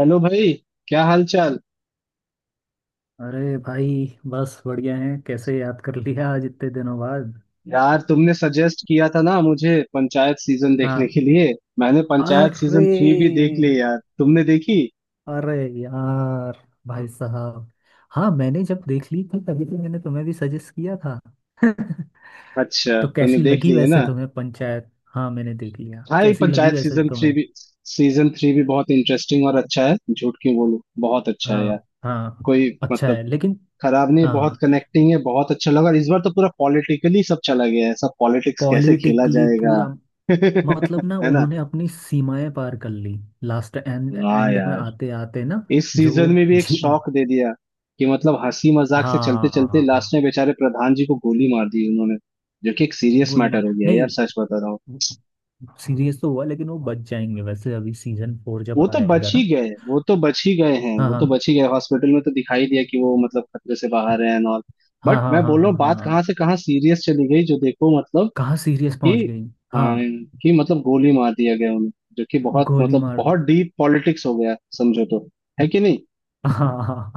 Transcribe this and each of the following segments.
Hello भाई। क्या हाल चाल। अरे भाई, बस बढ़िया है। कैसे याद कर लिया आज इतने दिनों बाद। यार तुमने सजेस्ट किया था ना मुझे पंचायत सीजन देखने हाँ। के लिए। मैंने पंचायत सीजन अरे, थ्री भी देख ली यार, तुमने देखी? अरे यार, भाई साहब, हाँ मैंने जब देख ली थी तभी तो मैंने तुम्हें भी सजेस्ट किया था। अच्छा, तो तुमने कैसी देख लगी ली है वैसे ना। तुम्हें पंचायत? हाँ मैंने देख लिया। भाई कैसी लगी पंचायत वैसे सीजन थ्री तुम्हें? भी बहुत इंटरेस्टिंग और अच्छा है, झूठ क्यों बोलूं। बहुत अच्छा है यार। हाँ हाँ, कोई अच्छा मतलब है लेकिन। खराब नहीं, बहुत हाँ, कनेक्टिंग है, बहुत अच्छा लगा। और इस बार तो पूरा पॉलिटिकली सब चला गया है, सब पॉलिटिक्स कैसे खेला पॉलिटिकली जाएगा। पूरा। मतलब ना है ना। उन्होंने अपनी सीमाएं पार कर ली लास्ट एंड वाह एंड में यार, आते आते ना। इस जो, सीजन में भी एक शॉक दे दिया कि मतलब हंसी मजाक से चलते चलते लास्ट हाँ, में बेचारे प्रधान जी को गोली मार दी उन्होंने। जो कि एक सीरियस गोली मैटर मार हो गया यार, नहीं। सच बता रहा हूँ। सीरियस तो हुआ लेकिन वो बच जाएंगे वैसे अभी सीजन फोर जब वो तो आएगा बच ही ना। गए, वो तो बच ही गए हैं, हाँ वो तो हाँ बच ही गए, हॉस्पिटल में तो दिखाई दिया कि वो मतलब खतरे से बाहर है एंड ऑल। हाँ बट हाँ मैं हाँ बोल रहा हाँ हूँ, हाँ बात हाँ। कहाँ से कहाँ सीरियस चली गई, जो देखो मतलब कहाँ सीरियस कि पहुंच गई। हाँ, हाँ, कि मतलब गोली मार दिया गया उन्हें। जो कि बहुत गोली मतलब मार दे। बहुत डीप पॉलिटिक्स हो गया समझो तो। है कि नहीं। हाँ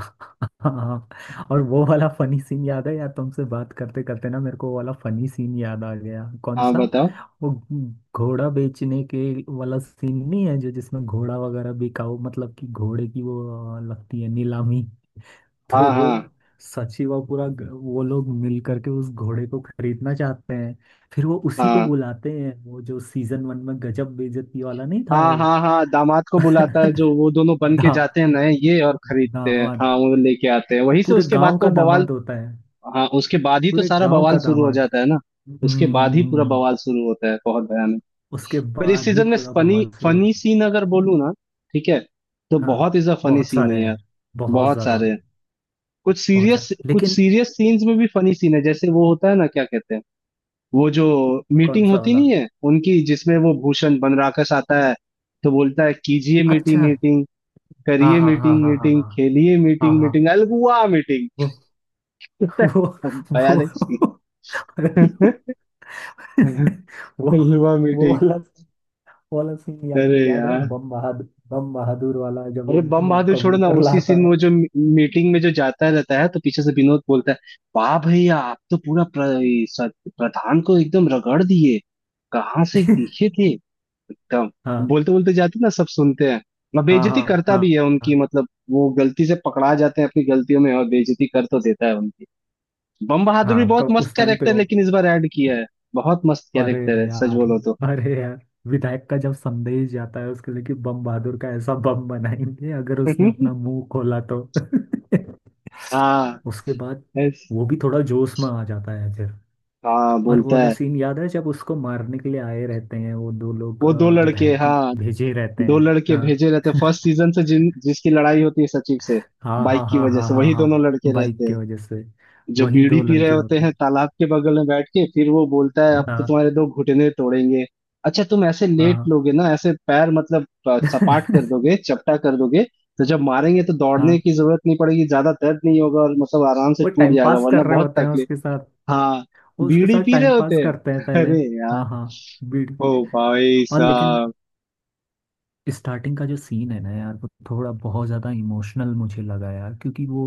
हाँ। और वो वाला फनी सीन याद है यार, तुमसे बात करते करते ना मेरे को वो वाला फनी सीन याद आ गया। कौन हाँ सा? बताओ। वो घोड़ा बेचने के वाला सीन नहीं है, जो जिसमें घोड़ा वगैरह बिकाऊ, मतलब कि घोड़े की वो लगती है नीलामी। तो हाँ वो हाँ सची व पूरा वो लोग मिल करके उस घोड़े को खरीदना चाहते हैं। फिर वो उसी को हाँ बुलाते हैं, वो जो सीजन वन में गजब बेइज्जती वाला नहीं था हाँ वो। हाँ हाँ, दामाद को बुलाता है, जो वो दोनों बन के दा जाते हैं नए ये और खरीदते हैं, दामाद, हाँ वो लेके आते हैं वो वहीं से, पूरे उसके बाद गांव तो का बवाल। दामाद होता है। हाँ, उसके बाद ही तो पूरे सारा गांव का बवाल शुरू हो दामाद। जाता है ना। उसके बाद ही पूरा हम्म, बवाल शुरू होता है, बहुत भयानक। उसके पर इस बाद ही सीजन में पूरा फनी बवाल शुरू होता फनी है। सीन अगर बोलूँ ना, ठीक है, तो हाँ, बहुत इज अ फनी बहुत सीन सारे है यार, हैं, बहुत बहुत ज्यादा। सारे हैं। कुछ बहुत सारे सीरियस, कुछ लेकिन। सीरियस सीन्स में भी फनी सीन है, जैसे वो होता है ना, क्या कहते हैं, वो जो कौन मीटिंग सा होती वाला? नहीं है उनकी जिसमें वो भूषण बनराकस आता है, तो बोलता है कीजिए मीटिंग अच्छा। मीटिंग, हाँ करिए हाँ हाँ मीटिंग हाँ हाँ मीटिंग, खेलिए हाँ मीटिंग हाँ मीटिंग अलगुआ मीटिंग। हाँ। वो वो भयानक scene। अरे लो। वो अलगुआ वो मीटिंग। वाला वो वाला सीन याद अरे याद है, यार, बम बहादुर वाला जब वो अरे बम बहादुर छोड़ो ना, कबूतर उसी लाता सीन में है। वो जो मीटिंग में जो जाता रहता है तो पीछे से विनोद बोलता है, वाह भैया आप तो पूरा प्रधान को एकदम रगड़ दिए, कहाँ से दिखे थे एकदम। हाँ बोलते बोलते जाते ना, सब सुनते हैं। मैं हाँ बेइज्जती हाँ करता हाँ भी है उनकी, हाँ मतलब वो गलती से पकड़ा जाते हैं अपनी गलतियों में और बेइज्जती कर तो देता है उनकी। बम बहादुर भी हाँ, बहुत कब मस्त उस टाइम पे कैरेक्टर वो। लेकिन इस बार ऐड किया है। बहुत मस्त अरे कैरेक्टर है सच यार, बोलो तो। अरे यार, विधायक का जब संदेश जाता है उसके लिए कि बम बहादुर का ऐसा बम बनाएंगे अगर उसने अपना मुंह खोला तो। हाँ। उसके बाद ऐस- वो भी थोड़ा जोश में आ जाता है। हाँ और वो बोलता वाला है। सीन याद है जब उसको मारने के लिए आए रहते हैं वो दो लोग, वो दो लड़के विधायक हाँ, भेजे रहते दो हैं। लड़के हाँ। भेजे रहते फर्स्ट सीजन से, जिन जिसकी लड़ाई होती है सचिव से। हाँ हाँ बाइक की हाँ वजह हाँ से हाँ वही दोनों हाँ, लड़के बाइक रहते के हैं, वजह से। जो वही बीड़ी दो पी रहे लड़के होते होते हैं हैं। तालाब के बगल में बैठ के। फिर वो बोलता है, अब तो हाँ तुम्हारे दो घुटने तोड़ेंगे। अच्छा तुम ऐसे लेट हाँ। लोगे ना, ऐसे पैर मतलब सपाट कर दोगे, चपटा कर दोगे, तो जब मारेंगे तो दौड़ने हाँ, की जरूरत नहीं पड़ेगी, ज्यादा दर्द नहीं होगा और मतलब आराम से वो टूट टाइम जाएगा, पास वरना कर रहे बहुत होते हैं तकलीफ। उसके साथ। हाँ, वो उसके बीड़ी साथ पी रहे टाइम होते पास हैं। करते हैं पहले। अरे यार, हाँ हाँ, बीड़ ओ भाई और लेकिन साहब। स्टार्टिंग का जो सीन है ना यार, वो थोड़ा बहुत ज़्यादा इमोशनल मुझे लगा यार, क्योंकि वो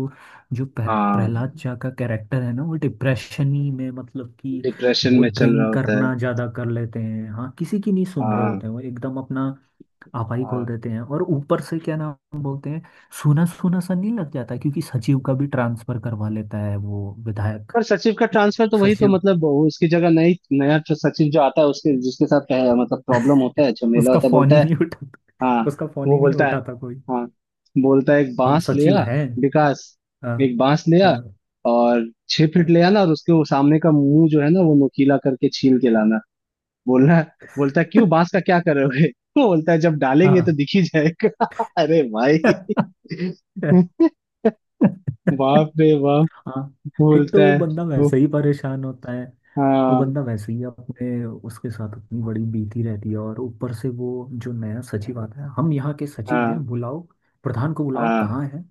जो हाँ, प्रहलाद चा का कैरेक्टर है ना, वो डिप्रेशन ही में, मतलब कि डिप्रेशन वो में चल रहा ड्रिंक होता है। करना ज़्यादा कर लेते हैं। हाँ, किसी की नहीं सुन रहे हाँ होते हैं, वो एकदम अपना आपा ही खोल हाँ। देते हैं। और ऊपर से क्या नाम बोलते हैं, सूना सूना सा नहीं लग जाता, क्योंकि सचिव का भी ट्रांसफर करवा लेता है वो विधायक। पर सचिव का ट्रांसफर तो वही तो सचिव मतलब, वो उसकी जगह नई नया जो सचिव जो आता है उसके जिसके साथ मतलब प्रॉब्लम होता है, झमेला उसका होता है, फोन बोलता ही है। नहीं उठाता। हाँ, उसका फोन वो ही नहीं बोलता है, उठाता कोई। हाँ बोलता है एक हम बांस सचिव लिया, हैं। विकास, हाँ एक बांस लिया हाँ और छह फीट ले आना, और उसके वो सामने का मुंह जो है ना वो नुकीला करके छील के लाना। बोलना बोलता है, क्यों बांस का क्या करोगे। वो बोलता है जब डालेंगे तो हाँ। दिख ही जाएगा। अरे भाई। हाँ। बाप रे बाप, एक तो बोलता वो है बंदा वो। वैसे ही परेशान होता है। वो हाँ बंदा वैसे ही अपने उसके साथ इतनी बड़ी बीती रहती है, और ऊपर से वो जो नया सचिव आता है, हम यहाँ के सचिव हाँ हैं, बुलाओ प्रधान को, बुलाओ हाँ कहाँ है।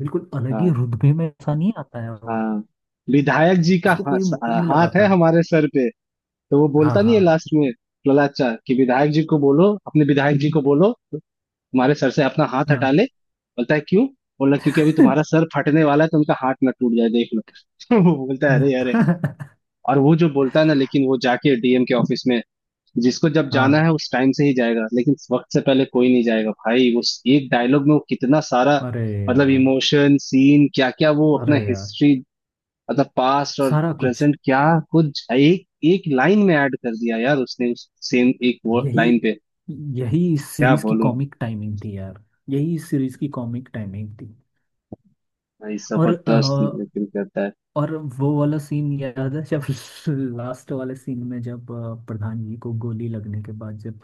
बिल्कुल अलग ही हाँ रुतबे में ऐसा नहीं आता है वो। हाँ। विधायक जी का उसको कोई मुंह ही नहीं हाथ है लगाता। हमारे सर पे, तो वो हाँ बोलता नहीं है हाँ लास्ट में ललाचा कि विधायक जी को बोलो, अपने विधायक जी को बोलो तुम्हारे सर से अपना हाथ हटा हाँ। ले। बोलता है क्यों, बोला क्योंकि अभी तुम्हारा सर फटने वाला है, तो उनका हाथ ना टूट जाए, देख लो। वो बोलता है अरे अरे। और वो जो बोलता है ना, लेकिन वो जाके डीएम के ऑफिस में, जिसको जब जाना हाँ, है उस टाइम से ही जाएगा, लेकिन वक्त से पहले कोई नहीं जाएगा। भाई, उस एक डायलॉग में वो कितना सारा अरे मतलब यार, इमोशन सीन, क्या क्या, वो अपना अरे यार, हिस्ट्री मतलब पास्ट और सारा कुछ। प्रेजेंट क्या कुछ एक एक लाइन में ऐड कर दिया यार उसने, उस सेम एक यही, लाइन पे। यही इस क्या सीरीज की बोलूं कॉमिक टाइमिंग थी यार। यही इस सीरीज की कॉमिक टाइमिंग थी। भाई, और जबरदस्त लेकिन करता है। और वो वाला सीन याद है जब लास्ट वाले सीन में, जब प्रधान जी को गोली लगने के बाद, जब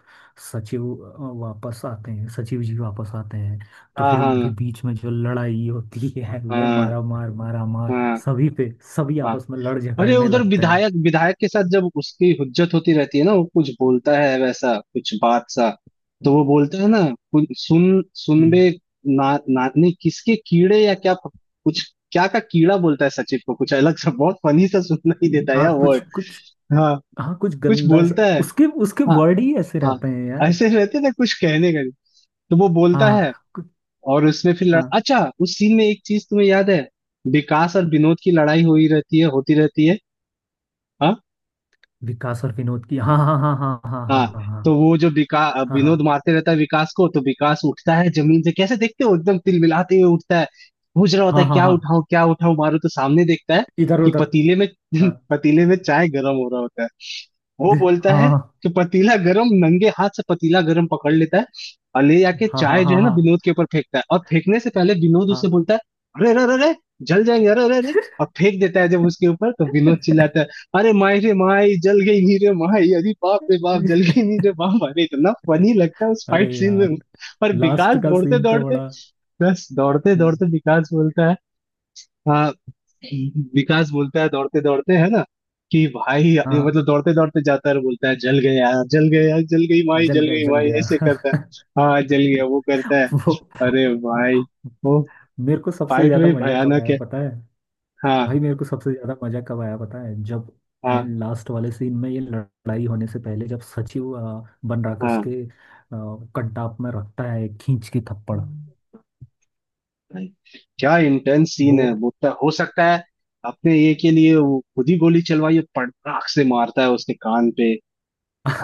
सचिव वापस आते हैं, सचिव जी वापस आते हैं, तो हाँ फिर उनके हाँ बीच में जो लड़ाई होती है, ले हाँ मारा मार मारा मार। हाँ सभी पे, सभी हाँ। आपस में लड़ अरे झगड़ने उधर लगते हैं। विधायक विधायक के साथ जब उसकी हुज्जत होती रहती है ना, वो कुछ बोलता है वैसा कुछ बात सा, तो वो बोलता है ना, कुछ सुन सुन हम्म। बे, ना, ना नहीं किसके कीड़े या क्या कुछ, क्या का कीड़ा बोलता है सचिव को, कुछ अलग सा, बहुत फनी सा सुनना ही देता है हाँ यार कुछ वर्ड, कुछ, हाँ कुछ कुछ गंदा सा, बोलता है। उसके उसके हाँ वर्ड ही ऐसे हाँ, रहते हैं यार। ऐसे रहते ना, कुछ कहने का नहीं, तो वो हाँ बोलता है। हाँ और उसमें फिर हाँ, अच्छा उस सीन में एक चीज तुम्हें याद है, विकास और विनोद की लड़ाई हो ही रहती है, होती रहती है। हाँ विकास और विनोद की, हाँ हाँ हाँ हाँ हाँ। हाँ हाँ तो वो जो विकास हाँ हाँ विनोद हाँ मारते रहता है विकास को, तो विकास उठता है जमीन से, कैसे देखते हो, एकदम तिलमिलाते हुए उठता है, पूछ रहा होता है हाँ हाँ हाँ हाँ, क्या उठाऊं मारो, तो सामने देखता है इधर कि उधर। पतीले में, हाँ, पतीले में चाय गर्म हो रहा होता है। वो दे- बोलता है हाँ कि पतीला गरम, नंगे हाथ से पतीला गरम पकड़ लेता है और ले जाके हाँ हाँ चाय जो हाँ है ना हाँ विनोद के ऊपर फेंकता है, और फेंकने से पहले विनोद उससे हाँ। बोलता है, अरे अरे अरे अरे, जल जाएंगे अरे अरे अरे। और फेंक देता है जब उसके ऊपर, तो विनोद चिल्लाता है, अरे माई रे माई जल गई नी रे माई, अरे बाप रे बाप जल गई नी रे बाप। अरे इतना फनी लगता है उस अरे फाइट सीन में। यार, पर विकास लास्ट का दौड़ते सीन तो दौड़ते, बड़ा। बस दौड़ते हम्म, दौड़ते विकास बोलता है, हाँ विकास बोलता है दौड़ते दौड़ते है ना, कि भाई हाँ ये हाँ, मतलब दौड़ते दौड़ते जाता है और बोलता है जल गया यार, जल गया यार, जल गई माई, जल जल गया गई जल माई, गया। ऐसे करता है। हाँ जल गया वो करता है। वो, अरे भाई, वो मेरे को सबसे फाइट ज्यादा में मजा कब भयानक आया है। पता है? हाँ भाई मेरे को सबसे ज्यादा मजा कब आया पता है, जब हाँ एंड लास्ट वाले सीन में, ये लड़ाई होने से पहले, जब सचिव बनराकस हाँ। के कटाप में रखता है एक खींच के थप्पड़। भाई क्या इंटेंस सीन वो। है, बोलता है हो सकता है अपने ये के लिए वो खुद ही गोली चलवाई, और पटाख से मारता है उसके कान पे।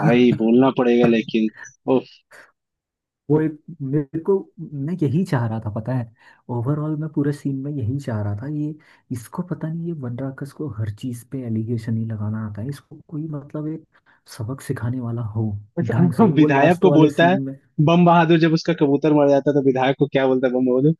भाई बोलना पड़ेगा लेकिन। वो एक मेरे को, मैं यही चाह रहा था पता है। ओवरऑल मैं पूरे सीन में यही चाह रहा था ये। इसको, पता नहीं ये बनराकस को हर चीज पे एलिगेशन ही लगाना आता है। इसको कोई मतलब एक सबक सिखाने वाला हो ढंग अच्छा, से वो विधायक लास्ट को वाले बोलता सीन है में। बम बहादुर, जब उसका कबूतर मर जाता है तो विधायक को क्या बोलता है बम बहादुर,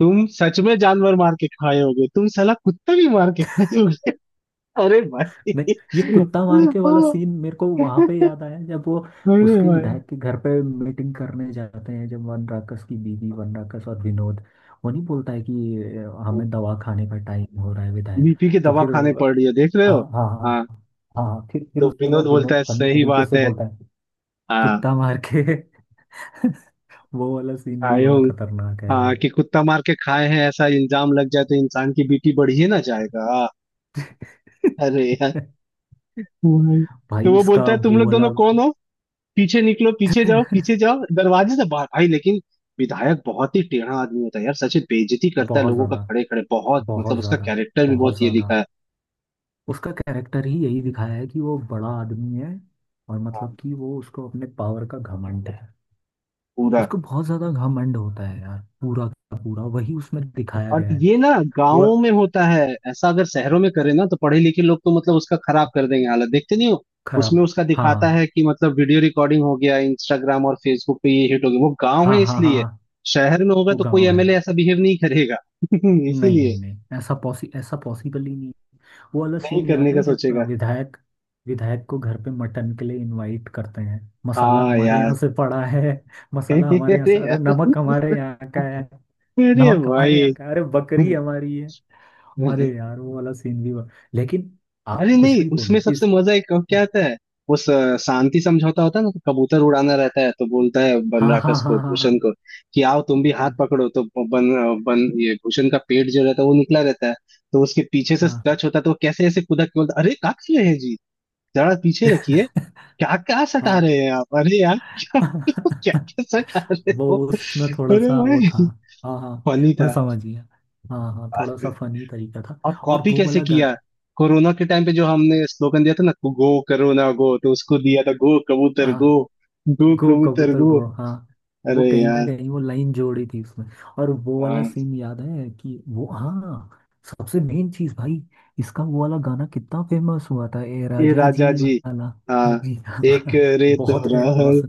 तुम सच में जानवर मार के खाए होगे, तुम साला कुत्ता भी मार के खाए होगे। अरे भाई, नहीं, ये कुत्ता मार के वाला सीन मेरे को वहां पे याद आया जब वो अरे उसके भाई, विधायक के घर पे मीटिंग करने जाते हैं, जब वन राकस की बीवी, वन राकस और विनोद वो नहीं बोलता है कि हमें दवा खाने का टाइम हो रहा है विधायक। बीपी की तो दवा फिर खाने पड़ रही है देख रहे हाँ हो। हाँ हाँ, हाँ हाँ फिर तो उसके विनोद बाद बोलता है विनोद फनी सही तरीके बात से है। बोलता है, हाँ, कुत्ता मार के। वो वाला सीन भी खाए हो। बड़ा खतरनाक है हाँ, यार। कि कुत्ता मार के खाए हैं ऐसा इल्जाम लग जाए तो इंसान की बीपी बढ़ ही ना जाएगा। अरे यार, भाई। तो भाई, वो इसका बोलता है तुम वो लोग दोनों वाला। कौन हो, पीछे निकलो, पीछे जाओ, पीछे जाओ दरवाजे से बाहर। भाई लेकिन विधायक बहुत ही टेढ़ा आदमी होता है यार, सच में बेइज्जती करता है बहुत लोगों का ज्यादा, खड़े खड़े, बहुत मतलब बहुत उसका ज्यादा, कैरेक्टर भी बहुत बहुत ये ज्यादा। दिखा है। उसका कैरेक्टर ही यही दिखाया है कि वो बड़ा आदमी है, और हाँ मतलब कि वो उसको अपने पावर का घमंड है। पूरा। उसको बहुत ज्यादा घमंड होता है यार, पूरा का पूरा वही उसमें दिखाया और गया है। ये ना वो, गांवों में होता है ऐसा, अगर शहरों में करे ना तो पढ़े लिखे लोग तो मतलब उसका खराब कर देंगे हालत, देखते नहीं हो। खराब, उसमें उसका हाँ दिखाता हाँ है कि मतलब वीडियो रिकॉर्डिंग हो गया, इंस्टाग्राम और फेसबुक पे ये हिट हो गया, वो गांव हाँ है हाँ हाँ इसलिए, हाँ, शहर में होगा वो तो कोई गाँव है। एमएलए ऐसा बिहेव नहीं करेगा। नहीं इसीलिए नहीं नहीं, ऐसा पॉसि, ऐसा पॉसिबल ही नहीं। वो वाला नहीं सीन याद करने है का जब सोचेगा। विधायक, विधायक को घर पे मटन के लिए इनवाइट करते हैं। मसाला हाँ हमारे यार, यहाँ से पड़ा है। मसाला हमारे यहाँ अरे से, अरे यार, नमक हमारे यहाँ का है। अरे नमक हमारे यहाँ भाई, का है, अरे बकरी हमारी है। अरे यार वो वाला सीन भी हुआ, लेकिन आप अरे कुछ नहीं भी उसमें बोलो सबसे इस। मजा एक कब क्या आता है, वो शांति समझौता होता है ना, तो कबूतर उड़ाना रहता है तो बोलता है हाँ हाँ बनराकस हाँ को, हाँ भूषण को कि आओ तुम भी हाथ हाँ पकड़ो, तो बन बन ये भूषण का पेट जो रहता है वो निकला रहता है, तो उसके पीछे से हाँ टच होता है, तो वो कैसे ऐसे कूदा के बोलता है, अरे क्या कर रहे हैं जी, जरा पीछे रखिए, क्या क्या सटा हाँ रहे हैं आप, अरे यार। क्या क्या हाँ। क्या सटा रहे वो हो, उसमें थोड़ा अरे सा वो भाई था। हाँ हाँ, फनी मैं था। समझ गया। हाँ हाँ, थोड़ा सा फनी तरीका था। और और कॉपी वो कैसे वाला किया, कोरोना के टाइम पे जो हमने स्लोगन दिया था ना, गो कोरोना गो, तो उसको दिया था गो कबूतर गाना, गो, गो गो कबूतर कबूतर गो। गो। हाँ, वो अरे कहीं ना यार, कहीं वो लाइन जोड़ी थी उसमें। और वो वाला हाँ सीन याद है कि वो, हाँ सबसे मेन चीज भाई, इसका वो वाला गाना कितना फेमस हुआ था, ए ये राजा राजा जी जी, वाला। हाँ जी हाँ। एक रे तो बहुत फेमस। रहल।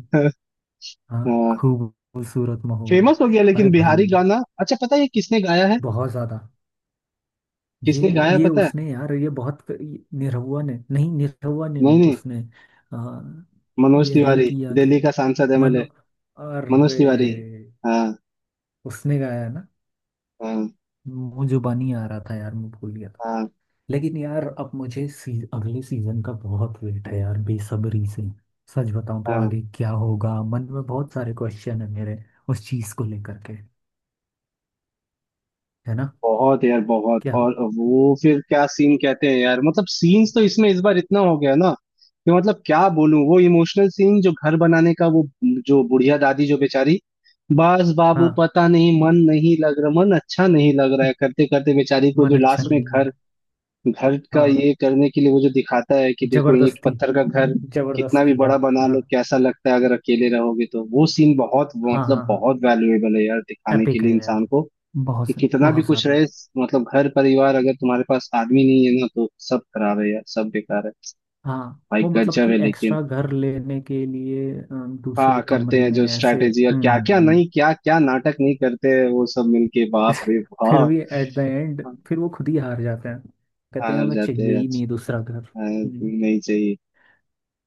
हाँ, हाँ खूबसूरत मुहूर्त। फेमस हो गया लेकिन, अरे भाई, बिहारी गाना अच्छा, पता है ये किसने गाया है, बहुत ज्यादा। ये किसने गाया है ये पता है, उसने यार, ये बहुत, निरहुआ ने नहीं, निरहुआ ने नहीं नहीं, नहीं उसने आ, मनोज ये तिवारी, रिंकी आके, दिल्ली का सांसद एमएलए मनो अरे मनोज तिवारी। हाँ उसने गाया है ना। हाँ मुंह जुबानी आ रहा था यार, मैं भूल गया था। हाँ लेकिन यार अब मुझे अगले सीजन का बहुत वेट है यार, बेसब्री से। सच बताऊं तो हाँ, आगे क्या होगा मन में बहुत सारे क्वेश्चन है मेरे उस चीज को लेकर के, है ना। बहुत यार बहुत। क्या हो, और वो फिर क्या सीन कहते हैं यार, मतलब सीन्स तो इसमें इस बार इतना हो गया ना कि मतलब क्या बोलूं, वो इमोशनल सीन जो घर बनाने का, वो जो बुढ़िया दादी जो बेचारी, बस बाबू हाँ पता नहीं मन नहीं लग रहा, मन अच्छा नहीं लग रहा है करते करते बेचारी को, मन जो अच्छा लास्ट में नहीं घर, लग घर रहा। का हाँ, ये करने के लिए वो जो दिखाता है कि देखो ईंट जबरदस्ती, पत्थर का घर कितना भी जबरदस्ती का। बड़ा बना हाँ लो, कैसा लगता है अगर अकेले रहोगे, तो वो सीन बहुत हाँ मतलब हाँ, हाँ बहुत वैल्यूएबल है यार, दिखाने के एपिक है लिए यार, इंसान को, कि कितना भी बहुत कुछ ज्यादा। रहे मतलब घर परिवार, अगर तुम्हारे पास आदमी नहीं है ना, तो सब खराब है यार, सब बेकार है। हाँ, भाई वो मतलब गजब है कि लेकिन, एक्स्ट्रा घर लेने के लिए दूसरे हाँ करते कमरे हैं में जो ऐसे। स्ट्रैटेजी, और क्या हम्म क्या हम्म, नहीं, क्या क्या नाटक नहीं करते हैं वो सब मिलके, बाप रे फिर बाप। भी एट द एंड हाँ, फिर वो खुद ही हार जाते हैं। कहते हैं हार हमें जाते चाहिए हैं ही नहीं अच्छा। दूसरा घर। हाँ, हम्म, नहीं चाहिए।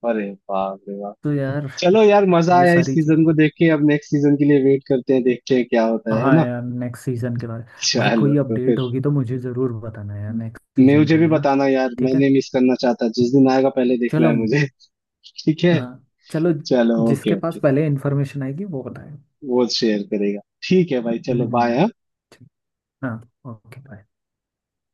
अरे बाप रे बाप। तो यार चलो यार, मजा ये आया इस सारी चीज। सीजन को देख के, अब नेक्स्ट सीजन के लिए वेट करते हैं, देखते हैं क्या होता है हाँ ना। यार, नेक्स्ट सीजन के बारे भाई चलो कोई तो फिर, अपडेट होगी तो मुझे जरूर बताना यार, नेक्स्ट सीजन मुझे के भी लिए ना। बताना यार, ठीक है, मैंने मिस करना चाहता, जिस दिन आएगा पहले देखना चलो। है मुझे। ठीक है, हाँ, चलो। चलो, जिसके ओके पास ओके। पहले इन्फॉर्मेशन आएगी वो बताए। वो शेयर करेगा। ठीक है भाई हम्म चलो हम्म, बाय। ठीक। हाँ, ओके बाय।